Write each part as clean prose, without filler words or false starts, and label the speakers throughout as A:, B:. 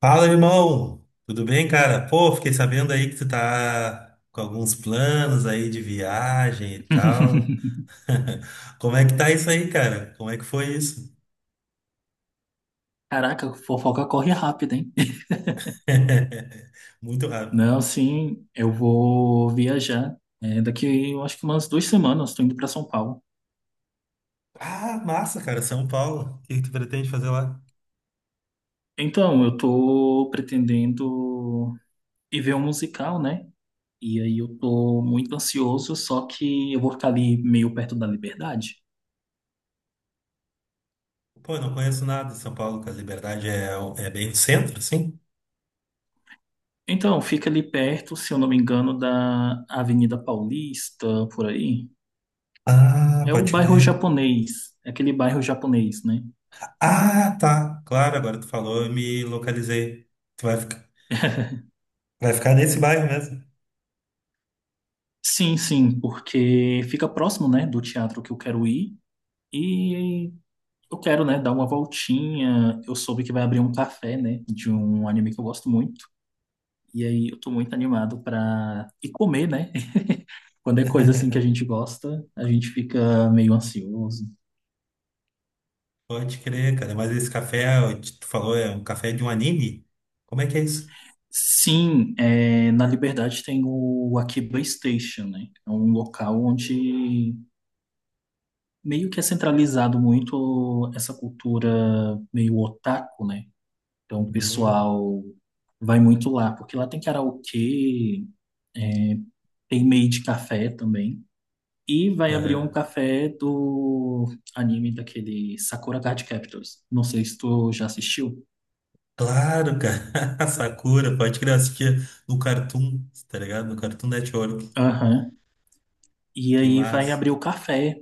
A: Fala, irmão! Tudo bem, cara? Pô, fiquei sabendo aí que tu tá com alguns planos aí de viagem e tal. Como é que tá isso aí, cara? Como é que foi isso?
B: Caraca, fofoca corre rápido, hein?
A: Muito rápido.
B: Não, sim, eu vou viajar. Daqui, eu acho que umas 2 semanas, estou indo para São Paulo.
A: Ah, massa, cara, São Paulo. O que que tu pretende fazer lá?
B: Então, eu tô pretendendo ir ver um musical, né? E aí eu tô muito ansioso, só que eu vou ficar ali meio perto da Liberdade.
A: Pô, eu não conheço nada de São Paulo, que a Liberdade é, é bem no centro, sim?
B: Então, fica ali perto, se eu não me engano, da Avenida Paulista, por aí.
A: Ah,
B: É o
A: pode
B: bairro
A: crer.
B: japonês, é aquele bairro japonês, né?
A: Ah, tá. Claro, agora tu falou, eu me localizei. Tu vai ficar nesse bairro mesmo?
B: Sim, sim, porque fica próximo, né, do teatro que eu quero ir e eu quero, né, dar uma voltinha. Eu soube que vai abrir um café, né, de um anime que eu gosto muito. E aí eu tô muito animado pra ir comer, né? Quando é coisa assim que a gente gosta, a gente fica meio ansioso.
A: Pode crer, cara. Mas esse café, ó, que tu falou, é um café de um anime? Como é que é isso?
B: Sim, na Liberdade tem o Akiba Station, né? É um local onde meio que é centralizado muito essa cultura meio otaku, né? Então, o
A: Uhum.
B: pessoal vai muito lá, porque lá tem karaokê, tem meio de café também. E vai abrir um
A: Aham.
B: café do anime daquele Sakura Card Captors. Não sei se tu já assistiu.
A: Claro, cara. Sakura, pode crer, eu assistia no Cartoon, tá ligado? No Cartoon Network.
B: Aham. E
A: Que
B: aí vai
A: massa.
B: abrir o café.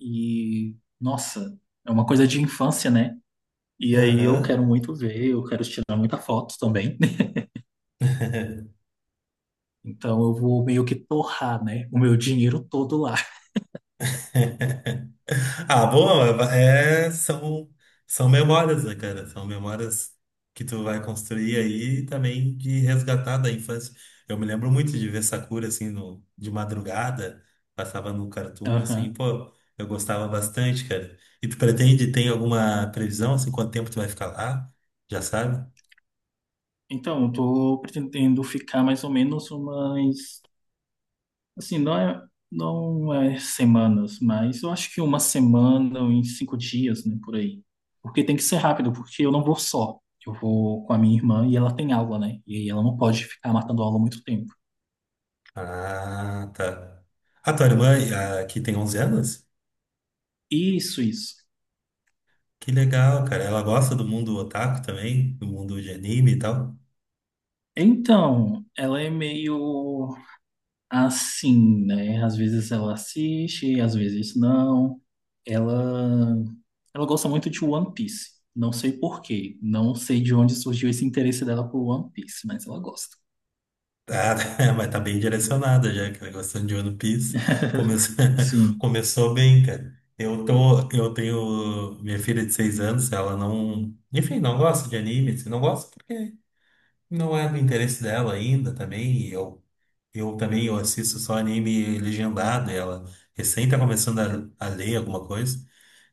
B: E, nossa, é uma coisa de infância, né? E aí eu quero
A: Aham.
B: muito ver, eu quero tirar muita foto também. Então eu vou meio que torrar, né? O meu dinheiro todo lá.
A: Ah, bom, é, são, são memórias, né, cara? São memórias que tu vai construir aí e também de resgatar da infância. Eu me lembro muito de ver Sakura, assim, no, de madrugada, passava no Cartoon, assim,
B: Aham.
A: pô, eu gostava bastante, cara. E tu pretende, tem alguma previsão, assim, quanto tempo tu vai ficar lá? Já sabe?
B: Então, estou pretendendo ficar mais ou menos umas, assim, não é, não é semanas, mas eu acho que uma semana ou em 5 dias, né, por aí. Porque tem que ser rápido, porque eu não vou só. Eu vou com a minha irmã e ela tem aula, né? E ela não pode ficar matando aula muito tempo.
A: Ah, tá. A tua irmã, ah, que tem 11 anos?
B: Isso, isso.
A: Que legal, cara. Ela gosta do mundo otaku também, do mundo de anime e tal.
B: Então, ela é meio assim, né? Às vezes ela assiste, às vezes não. Ela, ela gosta muito de One Piece. Não sei por quê. Não sei de onde surgiu esse interesse dela por One Piece, mas ela gosta.
A: Tá, mas tá bem direcionada já, aquela questão de One Piece. Começou,
B: Sim.
A: começou bem, cara. Eu tenho minha filha de seis anos, ela não, enfim, não gosta de anime, assim, não gosta porque não é do interesse dela ainda também. E eu também eu assisto só anime legendado, e ela recém tá começando a ler alguma coisa.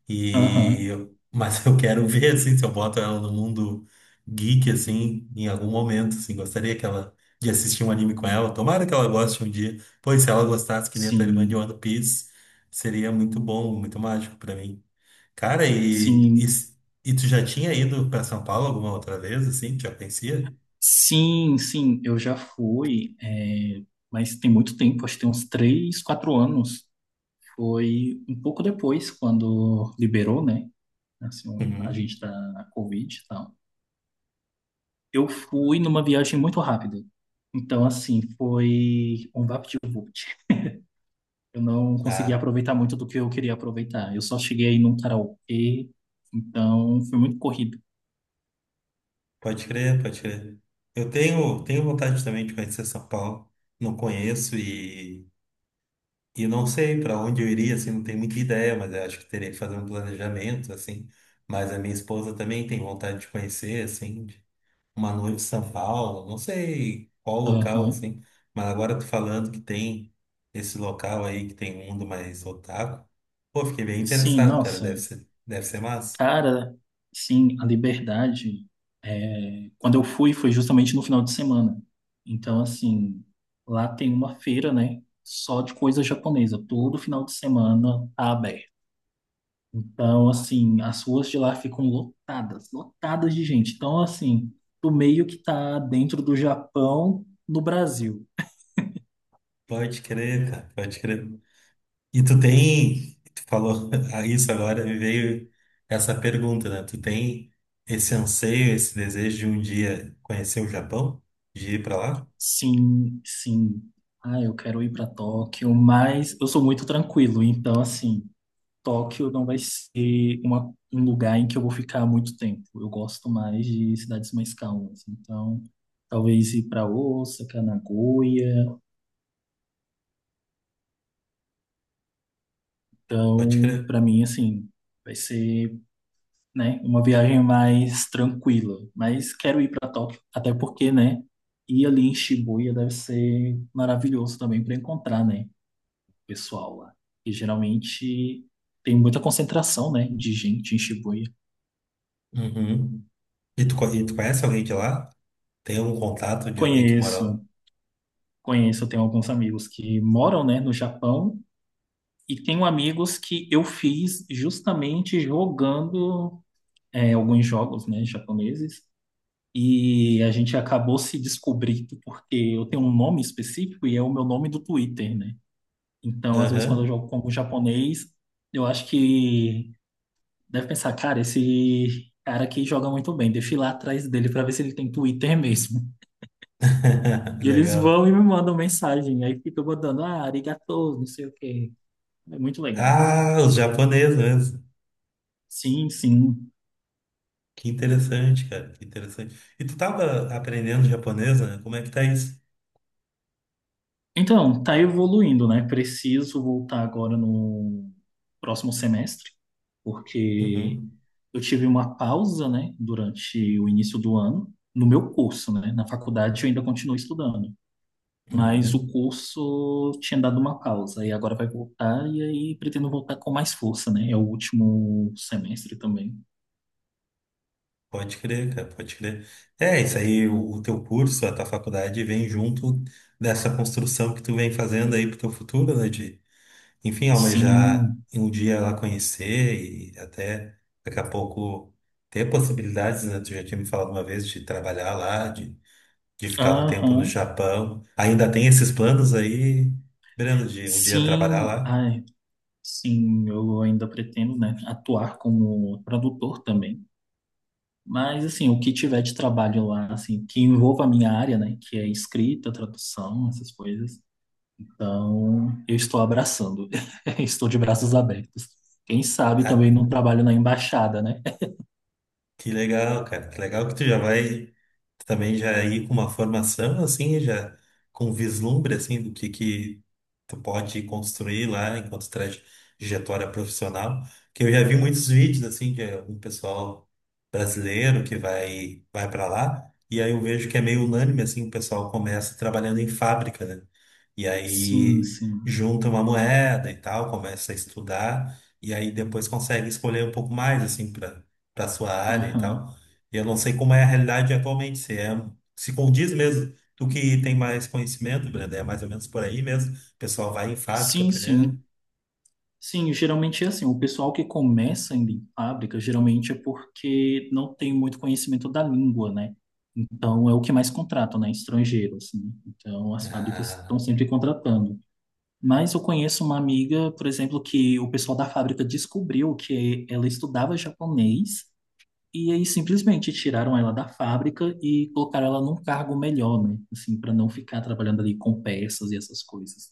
A: E
B: Aham.
A: mas eu quero ver assim se eu boto ela no mundo geek assim em algum momento, assim, gostaria que ela de assistir um anime com ela. Tomara que ela goste um dia. Pois se ela gostasse que nem a tua irmã de
B: Sim.
A: One Piece, seria muito bom, muito mágico pra mim. Cara, e, e
B: Sim.
A: e tu já tinha ido pra São Paulo alguma outra vez assim? Tu já conhecia?
B: Sim, sim. Eu já fui, mas tem muito tempo, acho que tem uns 3, 4 anos. Foi um pouco depois, quando liberou, né? Assim, a
A: Uhum.
B: gente tá na Covid e tal. Eu fui numa viagem muito rápida. Então, assim, foi um vapt-vupt. Eu não consegui
A: Ah,
B: aproveitar muito do que eu queria aproveitar. Eu só cheguei aí num karaokê, então foi muito corrido.
A: pode crer, pode crer. Eu tenho vontade também de conhecer São Paulo. Não conheço e não sei para onde eu iria, assim, não tenho muita ideia, mas eu acho que teria que fazer um planejamento, assim. Mas a minha esposa também tem vontade de conhecer, assim, de- uma noiva de São Paulo, não sei qual local,
B: Aham.
A: assim. Mas agora tu falando que tem esse local aí, que tem um mundo mais otaku, pô, fiquei bem
B: Sim,
A: interessado, cara,
B: nossa.
A: deve ser massa.
B: Cara, sim, a Liberdade. Quando eu fui, foi justamente no final de semana. Então, assim, lá tem uma feira, né? Só de coisa japonesa. Todo final de semana tá aberto. Então, assim, as ruas de lá ficam lotadas, lotadas de gente. Então, assim, tu meio que tá dentro do Japão no Brasil.
A: Pode crer, cara, pode crer. E tu tem, tu falou a isso agora, me veio essa pergunta, né? Tu tem esse anseio, esse desejo de um dia conhecer o Japão, de ir pra lá?
B: Sim, sim. Ah, eu quero ir para Tóquio, mas eu sou muito tranquilo. Então, assim, Tóquio não vai ser um lugar em que eu vou ficar muito tempo. Eu gosto mais de cidades mais calmas. Então, talvez ir para Osaka, Nagoya.
A: Pode
B: Então,
A: crer.
B: para mim, assim, vai ser, né? Uma viagem mais tranquila. Mas quero ir para Tóquio, até porque, né? Ir ali em Shibuya deve ser maravilhoso também para encontrar, né, o pessoal lá. E geralmente tem muita concentração, né, de gente em Shibuya.
A: Uhum. E tu, e tu conhece alguém de lá? Tem algum contato de alguém que mora lá?
B: Conheço, conheço. Tenho alguns amigos que moram, né, no Japão. E tenho amigos que eu fiz justamente jogando alguns jogos, né, japoneses. E a gente acabou se descobrindo porque eu tenho um nome específico e é o meu nome do Twitter, né? Então, às vezes, quando eu
A: Aham.
B: jogo com algum japonês, eu acho que deve pensar, cara, esse cara aqui joga muito bem, deixa eu ir lá atrás dele pra ver se ele tem Twitter mesmo. E eles
A: Legal.
B: vão e me mandam mensagem, aí fica mandando, ah, arigatou, não sei o quê. É muito legal.
A: Ah, os japoneses mesmo.
B: Sim, sim.
A: Que interessante, cara, que interessante. E tu tava aprendendo japonês, né? Como é que tá isso?
B: Então, tá evoluindo, né? Preciso voltar agora no próximo semestre, porque
A: Uhum.
B: eu tive uma pausa, né, durante o início do ano, no meu curso, né? Na faculdade eu ainda continuo estudando, mas o
A: Uhum.
B: curso tinha dado uma pausa e agora vai voltar e aí pretendo voltar com mais força, né? É o último semestre também.
A: Pode crer, cara, pode crer. É, isso aí, o teu curso, a tua faculdade vem junto dessa construção que tu vem fazendo aí pro teu futuro, né? De, enfim, almejar
B: Sim,
A: um dia lá conhecer e até daqui a pouco ter possibilidades, né? Tu já tinha me falado uma vez de trabalhar lá, de ficar um tempo
B: aham.
A: no Japão. Ainda tem esses planos aí, Breno, de um dia trabalhar
B: Sim,
A: lá?
B: ai, sim, eu ainda pretendo, né, atuar como tradutor também. Mas, assim, o que tiver de trabalho lá, assim, que envolva a minha área, né, que é escrita, tradução, essas coisas, então eu estou abraçando, estou de braços abertos. Quem sabe também
A: Ah,
B: não trabalho na embaixada, né?
A: que legal, cara. Que legal que tu já vai também já ir com uma formação assim, já com um vislumbre assim do que tu pode construir lá enquanto trajetória profissional. Que eu já vi muitos vídeos assim de um pessoal brasileiro que vai para lá e aí eu vejo que é meio unânime assim, o pessoal começa trabalhando em fábrica, né? E
B: Sim,
A: aí
B: sim.
A: junta uma moeda e tal, começa a estudar e aí depois consegue escolher um pouco mais assim para sua área e
B: Aham.
A: tal. E eu não sei como é a realidade atualmente, se é, se condiz mesmo, tu que tem mais conhecimento, Brenda, é mais ou menos por aí mesmo. O pessoal vai em fábrica
B: Sim,
A: primeiro.
B: sim. Sim, geralmente é assim, o pessoal que começa ainda em fábrica, geralmente é porque não tem muito conhecimento da língua, né? Então, é o que mais contratam, né? Estrangeiros, assim. Então, as fábricas estão
A: Ah,
B: sempre contratando. Mas eu conheço uma amiga, por exemplo, que o pessoal da fábrica descobriu que ela estudava japonês e aí simplesmente tiraram ela da fábrica e colocaram ela num cargo melhor, né? Assim, para não ficar trabalhando ali com peças e essas coisas.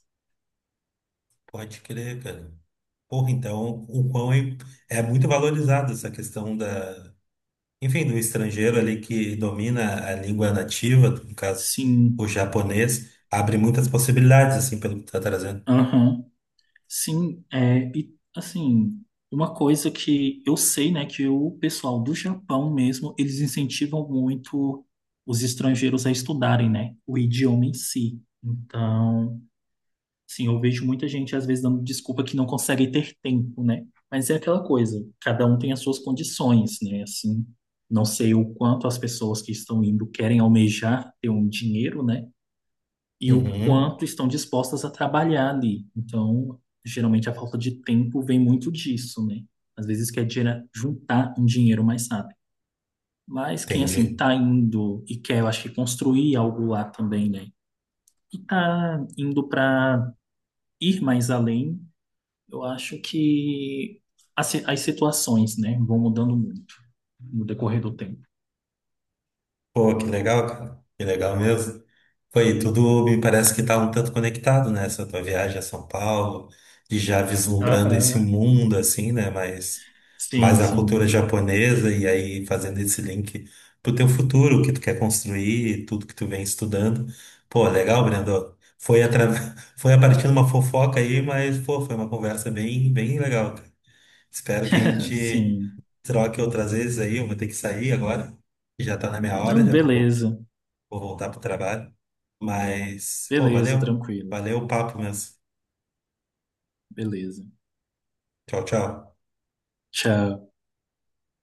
A: pode crer, cara. Porra, então o quão é, é muito valorizado essa questão da, enfim, do estrangeiro ali que domina a língua nativa, no caso, o
B: Sim,
A: japonês, abre muitas possibilidades, assim, pelo que tu tá trazendo.
B: aham. Sim, e assim, uma coisa que eu sei, né, que o pessoal do Japão mesmo, eles incentivam muito os estrangeiros a estudarem, né, o idioma em si. Então, sim, eu vejo muita gente às vezes dando desculpa que não consegue ter tempo, né? Mas é aquela coisa, cada um tem as suas condições, né? Assim, não sei o quanto as pessoas que estão indo querem almejar ter um dinheiro, né? E o
A: Uhum,
B: quanto estão dispostas a trabalhar ali. Então, geralmente a falta de tempo vem muito disso, né? Às vezes quer juntar um dinheiro mais rápido. Mas quem assim
A: entendi.
B: tá indo e quer, eu acho que construir algo lá também, né? E tá indo para ir mais além. Eu acho que as situações, né, vão mudando muito no decorrer do tempo.
A: Pô, que legal, cara. Que legal mesmo. Foi, tudo me parece que tá um tanto conectado, né? Essa tua viagem a São Paulo, e já vislumbrando esse
B: Aham.
A: mundo, assim, né?
B: Sim,
A: Mas a cultura
B: sim,
A: japonesa, e aí fazendo esse link pro teu futuro, o que tu quer construir, tudo que tu vem estudando. Pô, legal, Brendo. Foi, foi a partir de uma fofoca aí, mas, pô, foi uma conversa bem, bem legal, cara. Espero que a gente
B: sim.
A: troque outras vezes aí. Eu vou ter que sair agora, que já tá na minha hora,
B: Não,
A: já vou,
B: beleza.
A: vou voltar pro trabalho. Mas, pô,
B: Beleza,
A: valeu.
B: tranquilo.
A: Valeu o papo mesmo.
B: Beleza.
A: Tchau, tchau.
B: Tchau.